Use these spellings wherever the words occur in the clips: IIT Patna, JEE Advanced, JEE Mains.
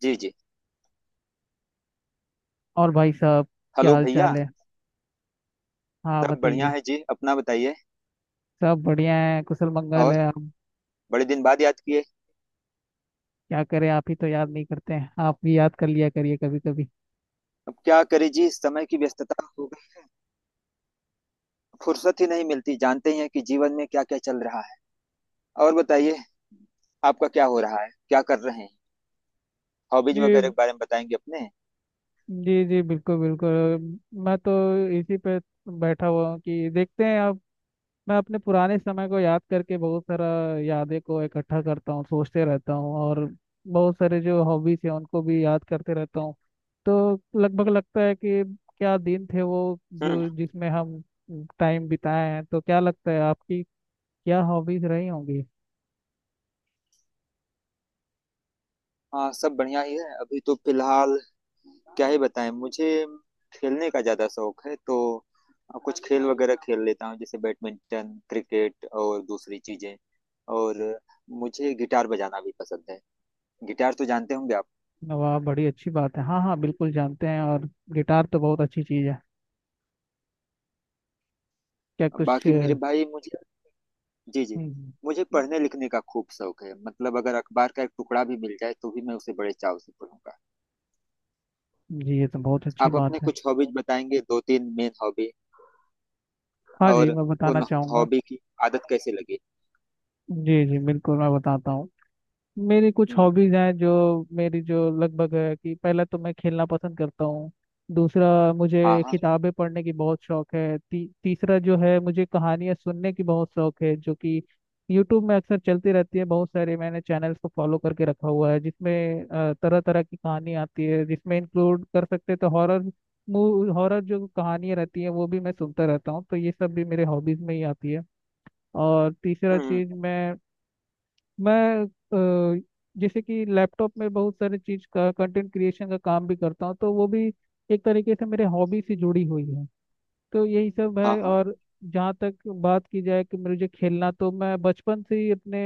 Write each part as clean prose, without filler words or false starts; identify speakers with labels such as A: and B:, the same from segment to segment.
A: जी जी।
B: और भाई साहब, क्या
A: हेलो
B: हाल
A: भैया।
B: चाल है। हाँ,
A: सब बढ़िया
B: बताइए।
A: है जी, अपना बताइए।
B: सब बढ़िया है, कुशल मंगल
A: और
B: है हम।
A: बड़े दिन बाद याद किए।
B: क्या करें, आप ही तो याद नहीं करते हैं। आप भी याद कर लिया करिए कभी कभी।
A: अब क्या करें जी, समय की व्यस्तता हो गई। फुर्सत ही नहीं मिलती, जानते ही हैं कि जीवन में क्या क्या चल रहा है। और बताइए, आपका क्या हो रहा है, क्या कर रहे हैं? हॉबीज
B: ये।
A: वगैरह के बारे में बताएंगे अपने?
B: जी जी, बिल्कुल बिल्कुल। मैं तो इसी पे बैठा हुआ हूँ कि देखते हैं। मैं अपने पुराने समय को याद करके बहुत सारा यादें को इकट्ठा करता हूँ, सोचते रहता हूँ, और बहुत सारे जो हॉबीज हैं उनको भी याद करते रहता हूँ। तो लगभग लगता है कि क्या दिन थे वो
A: हम्म।
B: जो जिसमें हम टाइम बिताए हैं। तो क्या लगता है आपकी क्या हॉबीज रही होंगी।
A: हाँ, सब बढ़िया ही है अभी तो फिलहाल। क्या ही बताएं। मुझे खेलने का ज्यादा शौक है, तो कुछ खेल वगैरह खेल लेता हूँ, जैसे बैडमिंटन, क्रिकेट और दूसरी चीजें। और मुझे गिटार बजाना भी पसंद है। गिटार तो जानते होंगे आप।
B: वाह, बड़ी अच्छी बात है। हाँ हाँ, बिल्कुल जानते हैं। और गिटार तो बहुत अच्छी चीज़ है। क्या कुछ।
A: बाकी मेरे भाई मुझे। जी जी।
B: हम्म।
A: मुझे पढ़ने लिखने का खूब शौक है, मतलब अगर अखबार का एक टुकड़ा भी मिल जाए तो भी मैं उसे बड़े चाव से पढ़ूंगा।
B: जी, ये तो बहुत अच्छी
A: आप अपने
B: बात है।
A: कुछ हॉबीज बताएंगे, दो तीन मेन हॉबी?
B: हाँ जी,
A: और
B: मैं बताना
A: उन
B: चाहूँगा।
A: हॉबी की आदत कैसे लगी?
B: जी जी, बिल्कुल। मैं बताता हूँ। मेरी कुछ
A: हम्म।
B: हॉबीज हैं जो मेरी जो लगभग है कि पहला तो मैं खेलना पसंद करता हूँ। दूसरा, मुझे
A: हाँ हाँ।
B: किताबें पढ़ने की बहुत शौक है। तीसरा जो है, मुझे कहानियाँ सुनने की बहुत शौक है, जो कि यूट्यूब में अक्सर चलती रहती है। बहुत सारे मैंने चैनल्स को फॉलो करके रखा हुआ है, जिसमें तरह तरह की कहानी आती है, जिसमें इंक्लूड कर सकते हैं तो हॉरर, मूव हॉरर जो कहानियाँ रहती हैं, वो भी मैं सुनता रहता हूँ। तो ये सब भी मेरे हॉबीज में ही आती है। और तीसरा
A: हम्म।
B: चीज मैं अ, जैसे कि लैपटॉप में बहुत सारे चीज का कंटेंट क्रिएशन का काम भी करता हूँ, तो वो भी एक तरीके से मेरे हॉबी से जुड़ी हुई है। तो यही सब
A: हाँ
B: है।
A: हाँ।
B: और जहाँ तक बात की जाए कि मुझे खेलना, तो मैं बचपन से ही अपने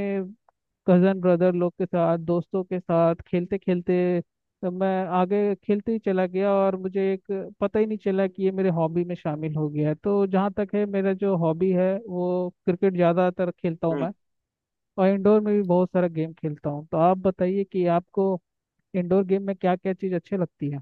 B: कजन ब्रदर लोग के साथ, दोस्तों के साथ खेलते खेलते, तो मैं आगे खेलते ही चला गया और मुझे एक पता ही नहीं चला कि ये मेरे हॉबी में शामिल हो गया है। तो जहाँ तक है, मेरा जो हॉबी है वो क्रिकेट, ज़्यादातर खेलता हूँ
A: हम्म।
B: मैं। और इंडोर में भी बहुत सारा गेम खेलता हूँ। तो आप बताइए कि आपको इंडोर गेम में क्या क्या चीज़ अच्छी लगती है।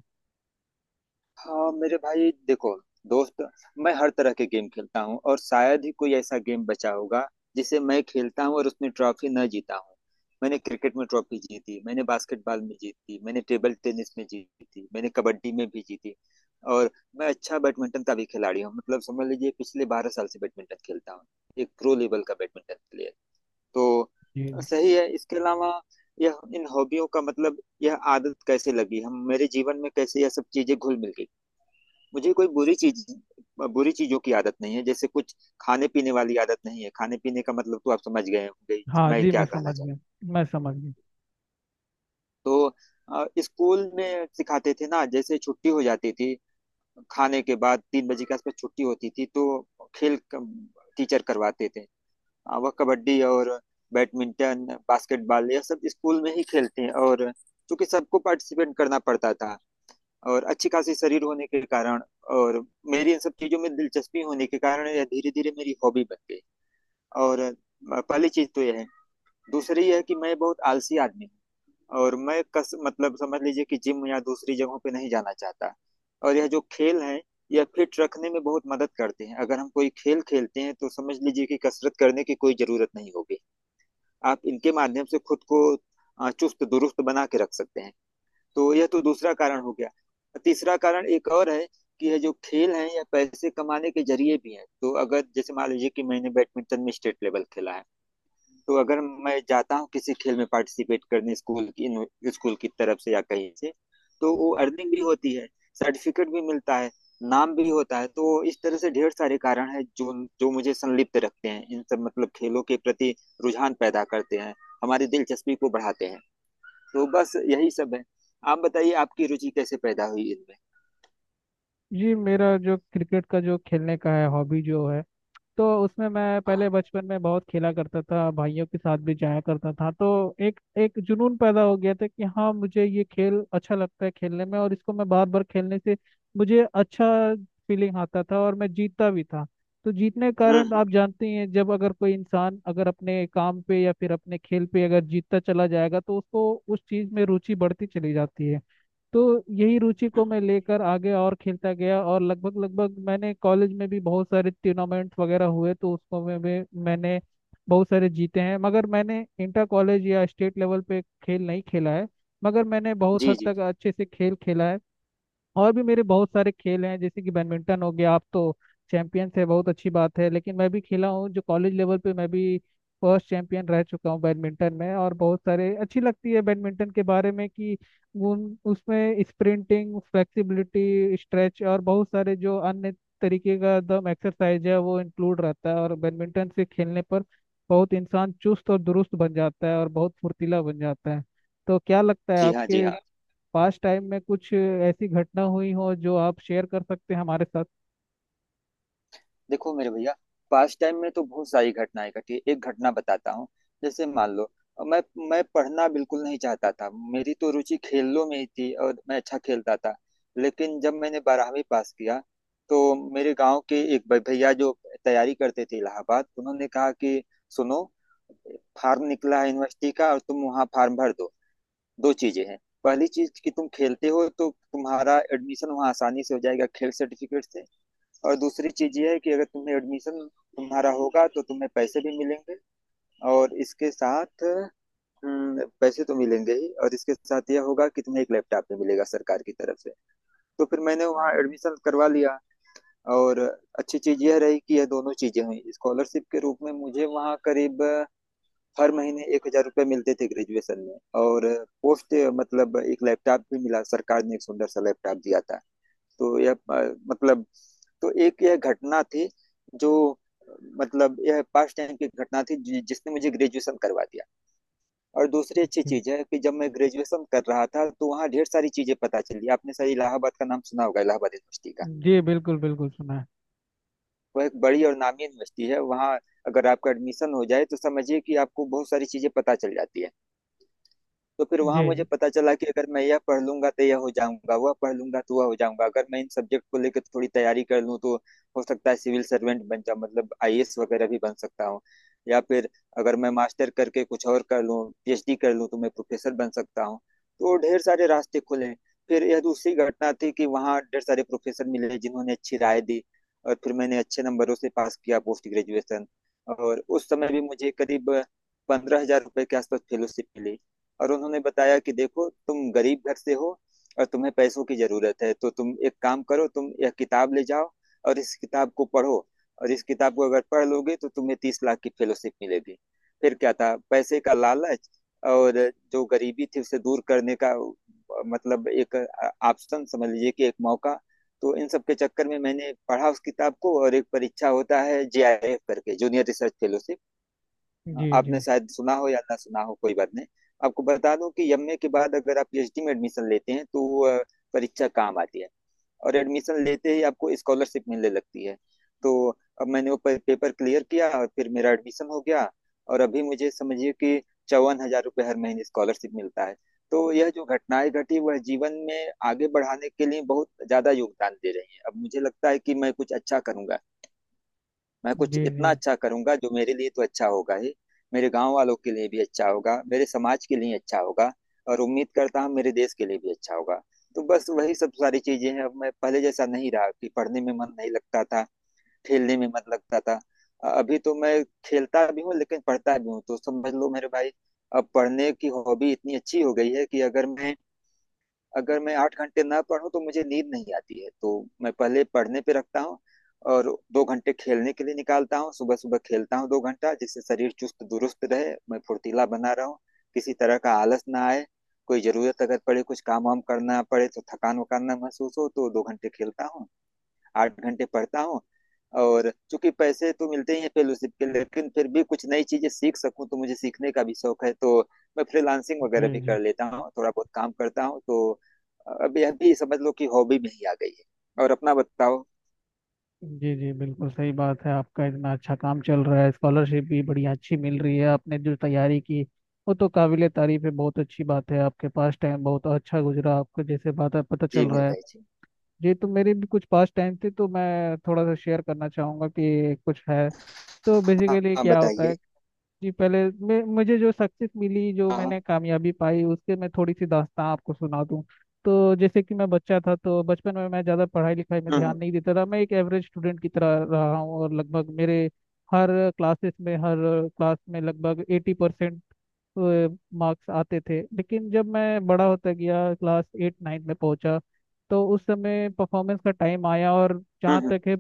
A: हाँ मेरे भाई, देखो दोस्त, मैं हर तरह के गेम खेलता हूँ और शायद ही कोई ऐसा गेम बचा होगा जिसे मैं खेलता हूँ और उसमें ट्रॉफी न जीता हूँ। मैंने क्रिकेट में ट्रॉफी जीती, मैंने बास्केटबॉल में जीती, मैंने टेबल टेनिस में जीती, मैंने कबड्डी में भी जीती। और मैं अच्छा बैडमिंटन का भी खिलाड़ी हूँ, मतलब समझ लीजिए पिछले 12 साल से बैडमिंटन खेलता हूँ। एक प्रो लेवल का बैडमिंटन प्लेयर। तो
B: जी जी।
A: सही है। इसके अलावा यह इन हॉबियों का मतलब, यह आदत कैसे लगी, हम मेरे जीवन में कैसे यह सब चीजें घुल मिल गई। मुझे कोई बुरी चीज, बुरी चीजों की आदत नहीं है, जैसे कुछ खाने पीने वाली आदत नहीं है। खाने पीने का मतलब तो आप समझ गए होंगे
B: हाँ
A: मैं
B: जी, मैं
A: क्या कहना
B: समझ गया,
A: चाहता
B: मैं समझ गया।
A: हूं। तो स्कूल में सिखाते थे ना, जैसे छुट्टी हो जाती थी, खाने के बाद 3 बजे के आसपास छुट्टी होती थी, तो खेल टीचर करवाते थे, वह कबड्डी और बैडमिंटन, बास्केटबॉल, यह सब स्कूल में ही खेलते हैं। और चूंकि सबको पार्टिसिपेट करना पड़ता था और अच्छी खासी शरीर होने के कारण और मेरी इन सब चीजों में दिलचस्पी होने के कारण यह धीरे धीरे मेरी हॉबी बन गई। और पहली चीज तो यह है। दूसरी यह है कि मैं बहुत आलसी आदमी हूँ और मैं कस मतलब समझ लीजिए कि जिम या दूसरी जगहों पे नहीं जाना चाहता। और यह जो खेल है, यह फिट रखने में बहुत मदद करते हैं। अगर हम कोई खेल खेलते हैं तो समझ लीजिए कि कसरत करने की कोई जरूरत नहीं होगी। आप इनके माध्यम से खुद को चुस्त दुरुस्त बना के रख सकते हैं। तो यह तो दूसरा कारण हो गया। तीसरा कारण एक और है, कि यह जो खेल है, यह पैसे कमाने के जरिए भी है। तो अगर जैसे मान लीजिए कि मैंने बैडमिंटन में स्टेट लेवल खेला है, तो अगर मैं जाता हूँ किसी खेल में पार्टिसिपेट करने स्कूल की तरफ से या कहीं से, तो वो अर्निंग भी होती है, सर्टिफिकेट भी मिलता है, नाम भी होता है। तो इस तरह से ढेर सारे कारण है, जो जो मुझे संलिप्त रखते हैं इन सब मतलब खेलों के प्रति, रुझान पैदा करते हैं, हमारी दिलचस्पी को बढ़ाते हैं। तो बस यही सब है। आप बताइए, आपकी रुचि कैसे पैदा हुई इनमें?
B: जी, मेरा जो क्रिकेट का जो खेलने का है हॉबी जो है, तो उसमें मैं पहले
A: हाँ।
B: बचपन में बहुत खेला करता था, भाइयों के साथ भी जाया करता था। तो एक एक जुनून पैदा हो गया था कि हाँ, मुझे ये खेल अच्छा लगता है खेलने में, और इसको मैं बार बार खेलने से मुझे अच्छा फीलिंग आता था और मैं जीतता भी था। तो जीतने के कारण
A: हम्म।
B: आप जानते ही हैं, जब अगर कोई इंसान अगर अपने काम पे या फिर अपने खेल पे अगर जीतता चला जाएगा, तो उसको उस चीज़ में रुचि बढ़ती चली जाती है। तो यही रुचि को
A: हम्म।
B: मैं लेकर आगे और खेलता गया, और लगभग लगभग मैंने कॉलेज में भी बहुत सारे टूर्नामेंट्स वगैरह हुए, तो उसको में भी मैंने बहुत सारे जीते हैं। मगर मैंने इंटर कॉलेज या स्टेट लेवल पे खेल नहीं खेला है, मगर मैंने बहुत
A: जी
B: हद
A: जी।
B: तक अच्छे से खेल खेला है। और भी मेरे बहुत सारे खेल हैं, जैसे कि बैडमिंटन हो गया। आप तो चैंपियंस है, बहुत अच्छी बात है। लेकिन मैं भी खेला हूँ, जो कॉलेज लेवल पे मैं भी फर्स्ट चैंपियन रह चुका हूँ बैडमिंटन में। और बहुत सारे अच्छी लगती है बैडमिंटन के बारे में कि उन उसमें स्प्रिंटिंग, फ्लेक्सिबिलिटी, स्ट्रेच और बहुत सारे जो अन्य तरीके का एकदम एक्सरसाइज है, वो इंक्लूड रहता है। और बैडमिंटन से खेलने पर बहुत इंसान चुस्त और दुरुस्त बन जाता है, और बहुत फुर्तीला बन जाता है। तो क्या लगता है,
A: जी हाँ, जी
B: आपके
A: हाँ।
B: पास्ट टाइम में कुछ ऐसी घटना हुई हो जो आप शेयर कर सकते हैं हमारे साथ।
A: देखो मेरे भैया, पास्ट टाइम में तो बहुत सारी घटनाएं घटी है। एक घटना बताता हूँ। जैसे मान लो, मैं मैं पढ़ना बिल्कुल नहीं चाहता था, मेरी तो रुचि खेलों में ही थी और मैं अच्छा खेलता था। लेकिन जब मैंने 12वीं पास किया तो मेरे गांव के एक भैया जो तैयारी करते थे इलाहाबाद, उन्होंने कहा कि सुनो, फार्म निकला है यूनिवर्सिटी का और तुम वहाँ फार्म भर दो। दो चीजें हैं। पहली चीज कि तुम खेलते हो तो तुम्हारा एडमिशन वहाँ आसानी से हो जाएगा खेल सर्टिफिकेट से। और दूसरी चीज ये है कि अगर तुम्हें एडमिशन, तुम्हारा होगा तो तुम्हें पैसे भी मिलेंगे, और इसके साथ, पैसे तो मिलेंगे ही, और इसके साथ यह होगा कि तुम्हें एक लैपटॉप भी मिलेगा सरकार की तरफ से। तो फिर मैंने वहाँ एडमिशन करवा लिया। और अच्छी चीज यह रही कि यह दोनों चीजें हुई, स्कॉलरशिप के रूप में मुझे वहाँ करीब हर महीने 1,000 रुपये मिलते थे ग्रेजुएशन में। और पोस्ट मतलब एक लैपटॉप भी मिला, सरकार ने एक सुंदर सा लैपटॉप दिया था। तो यह मतलब, तो एक यह घटना थी, जो मतलब यह पास्ट टाइम की घटना थी जिसने मुझे ग्रेजुएशन करवा दिया। और दूसरी अच्छी
B: जी
A: चीज है कि जब मैं ग्रेजुएशन कर रहा था तो वहाँ ढेर सारी चीजें पता चली। आपने शायद इलाहाबाद का नाम सुना होगा, इलाहाबाद यूनिवर्सिटी का।
B: जी, बिल्कुल बिल्कुल सुना है।
A: वह एक बड़ी और नामी यूनिवर्सिटी है। वहाँ अगर आपका एडमिशन हो जाए तो समझिए कि आपको बहुत सारी चीजें पता चल जाती है। तो फिर वहां मुझे
B: जी
A: पता चला कि अगर मैं यह पढ़ लूंगा तो यह हो जाऊंगा, वह पढ़ लूंगा तो वह हो जाऊंगा। अगर मैं इन सब्जेक्ट को लेकर थोड़ी तैयारी कर लूँ तो हो सकता है सिविल सर्वेंट बन जाऊं, मतलब आईएएस वगैरह भी बन सकता हूँ। या फिर अगर मैं मास्टर करके कुछ और कर लूँ, पीएचडी कर लूँ, तो मैं प्रोफेसर बन सकता हूँ। तो ढेर सारे रास्ते खुले। फिर यह दूसरी घटना थी कि वहाँ ढेर सारे प्रोफेसर मिले जिन्होंने अच्छी राय दी। और फिर मैंने अच्छे नंबरों से पास किया पोस्ट ग्रेजुएशन। और उस समय भी मुझे करीब 15,000 रुपये के आसपास फेलोशिप मिली। और उन्होंने बताया कि देखो, तुम गरीब घर से हो और तुम्हें पैसों की जरूरत है, तो तुम एक काम करो, तुम यह किताब ले जाओ और इस किताब को पढ़ो। और इस किताब को अगर पढ़ लोगे तो तुम्हें 30 लाख की फेलोशिप मिलेगी। फिर क्या था, पैसे का लालच और जो गरीबी थी उसे दूर करने का, मतलब एक ऑप्शन समझ लीजिए, कि एक मौका। तो इन सब के चक्कर में मैंने पढ़ा उस किताब को। और एक परीक्षा होता है जेआईएफ करके, जूनियर रिसर्च फेलोशिप।
B: जी जी
A: आपने शायद सुना हो या ना सुना हो, कोई बात नहीं। आपको बता दूं कि एमए के बाद अगर आप पीएचडी में एडमिशन लेते हैं तो वो, परीक्षा काम आती है। और एडमिशन लेते ही आपको स्कॉलरशिप मिलने लगती है। तो अब मैंने वो पेपर क्लियर किया और फिर मेरा एडमिशन हो गया। और अभी मुझे समझिए कि 54,000 रुपये हर महीने स्कॉलरशिप मिलता है। तो यह जो घटनाएं घटी वह जीवन में आगे बढ़ाने के लिए बहुत ज्यादा योगदान दे रही हैं। अब मुझे लगता है कि मैं कुछ अच्छा करूंगा। मैं कुछ
B: जी, जी
A: इतना अच्छा करूंगा जो मेरे लिए तो अच्छा होगा ही, मेरे गांव वालों के लिए भी अच्छा होगा, मेरे समाज के लिए अच्छा होगा, और उम्मीद करता हूँ मेरे देश के लिए भी अच्छा होगा। तो बस वही सब सारी चीजें हैं। अब मैं पहले जैसा नहीं रहा कि पढ़ने में मन नहीं लगता था, खेलने में मन लगता था। अभी तो मैं खेलता भी हूँ लेकिन पढ़ता भी हूँ। तो समझ लो मेरे भाई, अब पढ़ने की हॉबी इतनी अच्छी हो गई है कि अगर मैं 8 घंटे ना पढूं तो मुझे नींद नहीं आती है। तो मैं पहले पढ़ने पे रखता हूँ, और 2 घंटे खेलने के लिए निकालता हूँ। सुबह सुबह खेलता हूँ 2 घंटा, जिससे शरीर चुस्त दुरुस्त रहे, मैं फुर्तीला बना रहूं, किसी तरह का आलस ना आए। कोई जरूरत अगर पड़े, कुछ काम वाम करना पड़े, तो थकान वकान ना महसूस हो। तो 2 घंटे खेलता हूँ, 8 घंटे पढ़ता हूँ। और चूंकि पैसे तो मिलते ही हैं फेलोशिप के, लेकिन फिर भी कुछ नई चीजें सीख सकूं, तो मुझे सीखने का भी शौक है। तो मैं फ्रीलांसिंग वगैरह भी
B: जी
A: कर लेता हूँ, थोड़ा बहुत काम करता हूँ। तो अब यह भी समझ लो कि हॉबी में ही आ गई है। और अपना बताओ।
B: जी जी जी, बिल्कुल सही बात है। आपका इतना अच्छा काम चल रहा है, स्कॉलरशिप भी बड़ी अच्छी मिल रही है। आपने जो तैयारी की वो तो काबिले तारीफ है। बहुत अच्छी बात है, आपके पास टाइम बहुत अच्छा गुजरा आपको, जैसे बात है पता
A: जी
B: चल
A: मेरे
B: रहा है।
A: भाई जी।
B: जी, तो मेरे भी कुछ पास टाइम थे तो मैं थोड़ा सा शेयर करना चाहूँगा कि कुछ है। तो
A: हाँ
B: बेसिकली
A: हाँ,
B: क्या होता
A: बताइए।
B: है, जी पहले मैं मुझे जो सक्सेस मिली, जो
A: हाँ हाँ।
B: मैंने कामयाबी पाई, उसके मैं थोड़ी सी दास्तां आपको सुना दूं। तो जैसे कि मैं बच्चा था, तो बचपन में मैं ज़्यादा पढ़ाई लिखाई में
A: हम्म
B: ध्यान नहीं देता था। मैं एक एवरेज स्टूडेंट की तरह रहा हूँ, और लगभग मेरे हर क्लासेस में, हर क्लास में लगभग 80% मार्क्स आते थे। लेकिन जब मैं बड़ा होता गया, क्लास एट नाइन्थ में पहुंचा, तो उस समय परफॉर्मेंस का टाइम आया। और जहाँ
A: हम्म।
B: तक है,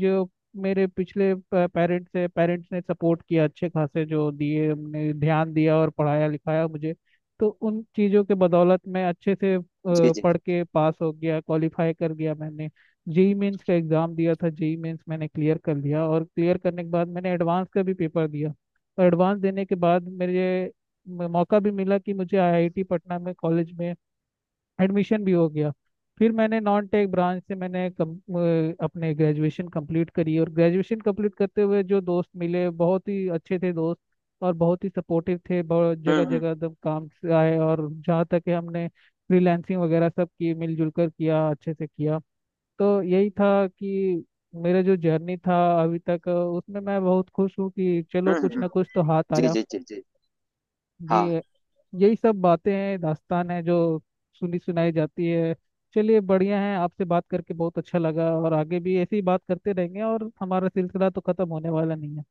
B: जो मेरे पिछले पेरेंट्स ने सपोर्ट किया, अच्छे खासे जो दिए, उनने ध्यान दिया और पढ़ाया लिखाया मुझे। तो उन चीज़ों के बदौलत मैं अच्छे से
A: जी जी।
B: पढ़ के पास हो गया, क्वालिफाई कर गया मैंने। जेई मेंस का एग्ज़ाम दिया था, जेई मेंस मैंने क्लियर कर लिया, और क्लियर करने के बाद मैंने एडवांस का भी पेपर दिया। और एडवांस देने के बाद मेरे मौका भी मिला कि मुझे आईआईटी पटना में, कॉलेज में एडमिशन भी हो गया। फिर मैंने नॉन टेक ब्रांच से मैंने अपने ग्रेजुएशन कंप्लीट करी। और ग्रेजुएशन कंप्लीट करते हुए जो दोस्त मिले बहुत ही अच्छे थे दोस्त, और बहुत ही सपोर्टिव थे, बहुत जगह
A: हम्म।
B: जगह एकदम काम से आए। और जहाँ तक कि हमने फ्रीलैंसिंग वगैरह सब की, मिलजुल कर किया, अच्छे से किया। तो यही था कि मेरा जो जर्नी था अभी तक, उसमें मैं बहुत खुश हूँ कि चलो कुछ
A: हम्म।
B: ना कुछ तो हाथ
A: जी
B: आया।
A: जी जी जी।
B: जी,
A: हाँ।
B: यही सब बातें हैं, दास्तान है जो सुनी सुनाई जाती है। चलिए बढ़िया है, आपसे बात करके बहुत अच्छा लगा, और आगे भी ऐसे ही बात करते रहेंगे, और हमारा सिलसिला तो खत्म होने वाला नहीं है।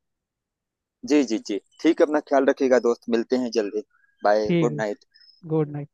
A: जी। जी जी ठीक है, अपना ख्याल रखिएगा दोस्त, मिलते हैं जल्दी। बाय।
B: ठीक
A: गुड
B: है।
A: नाइट।
B: Good night.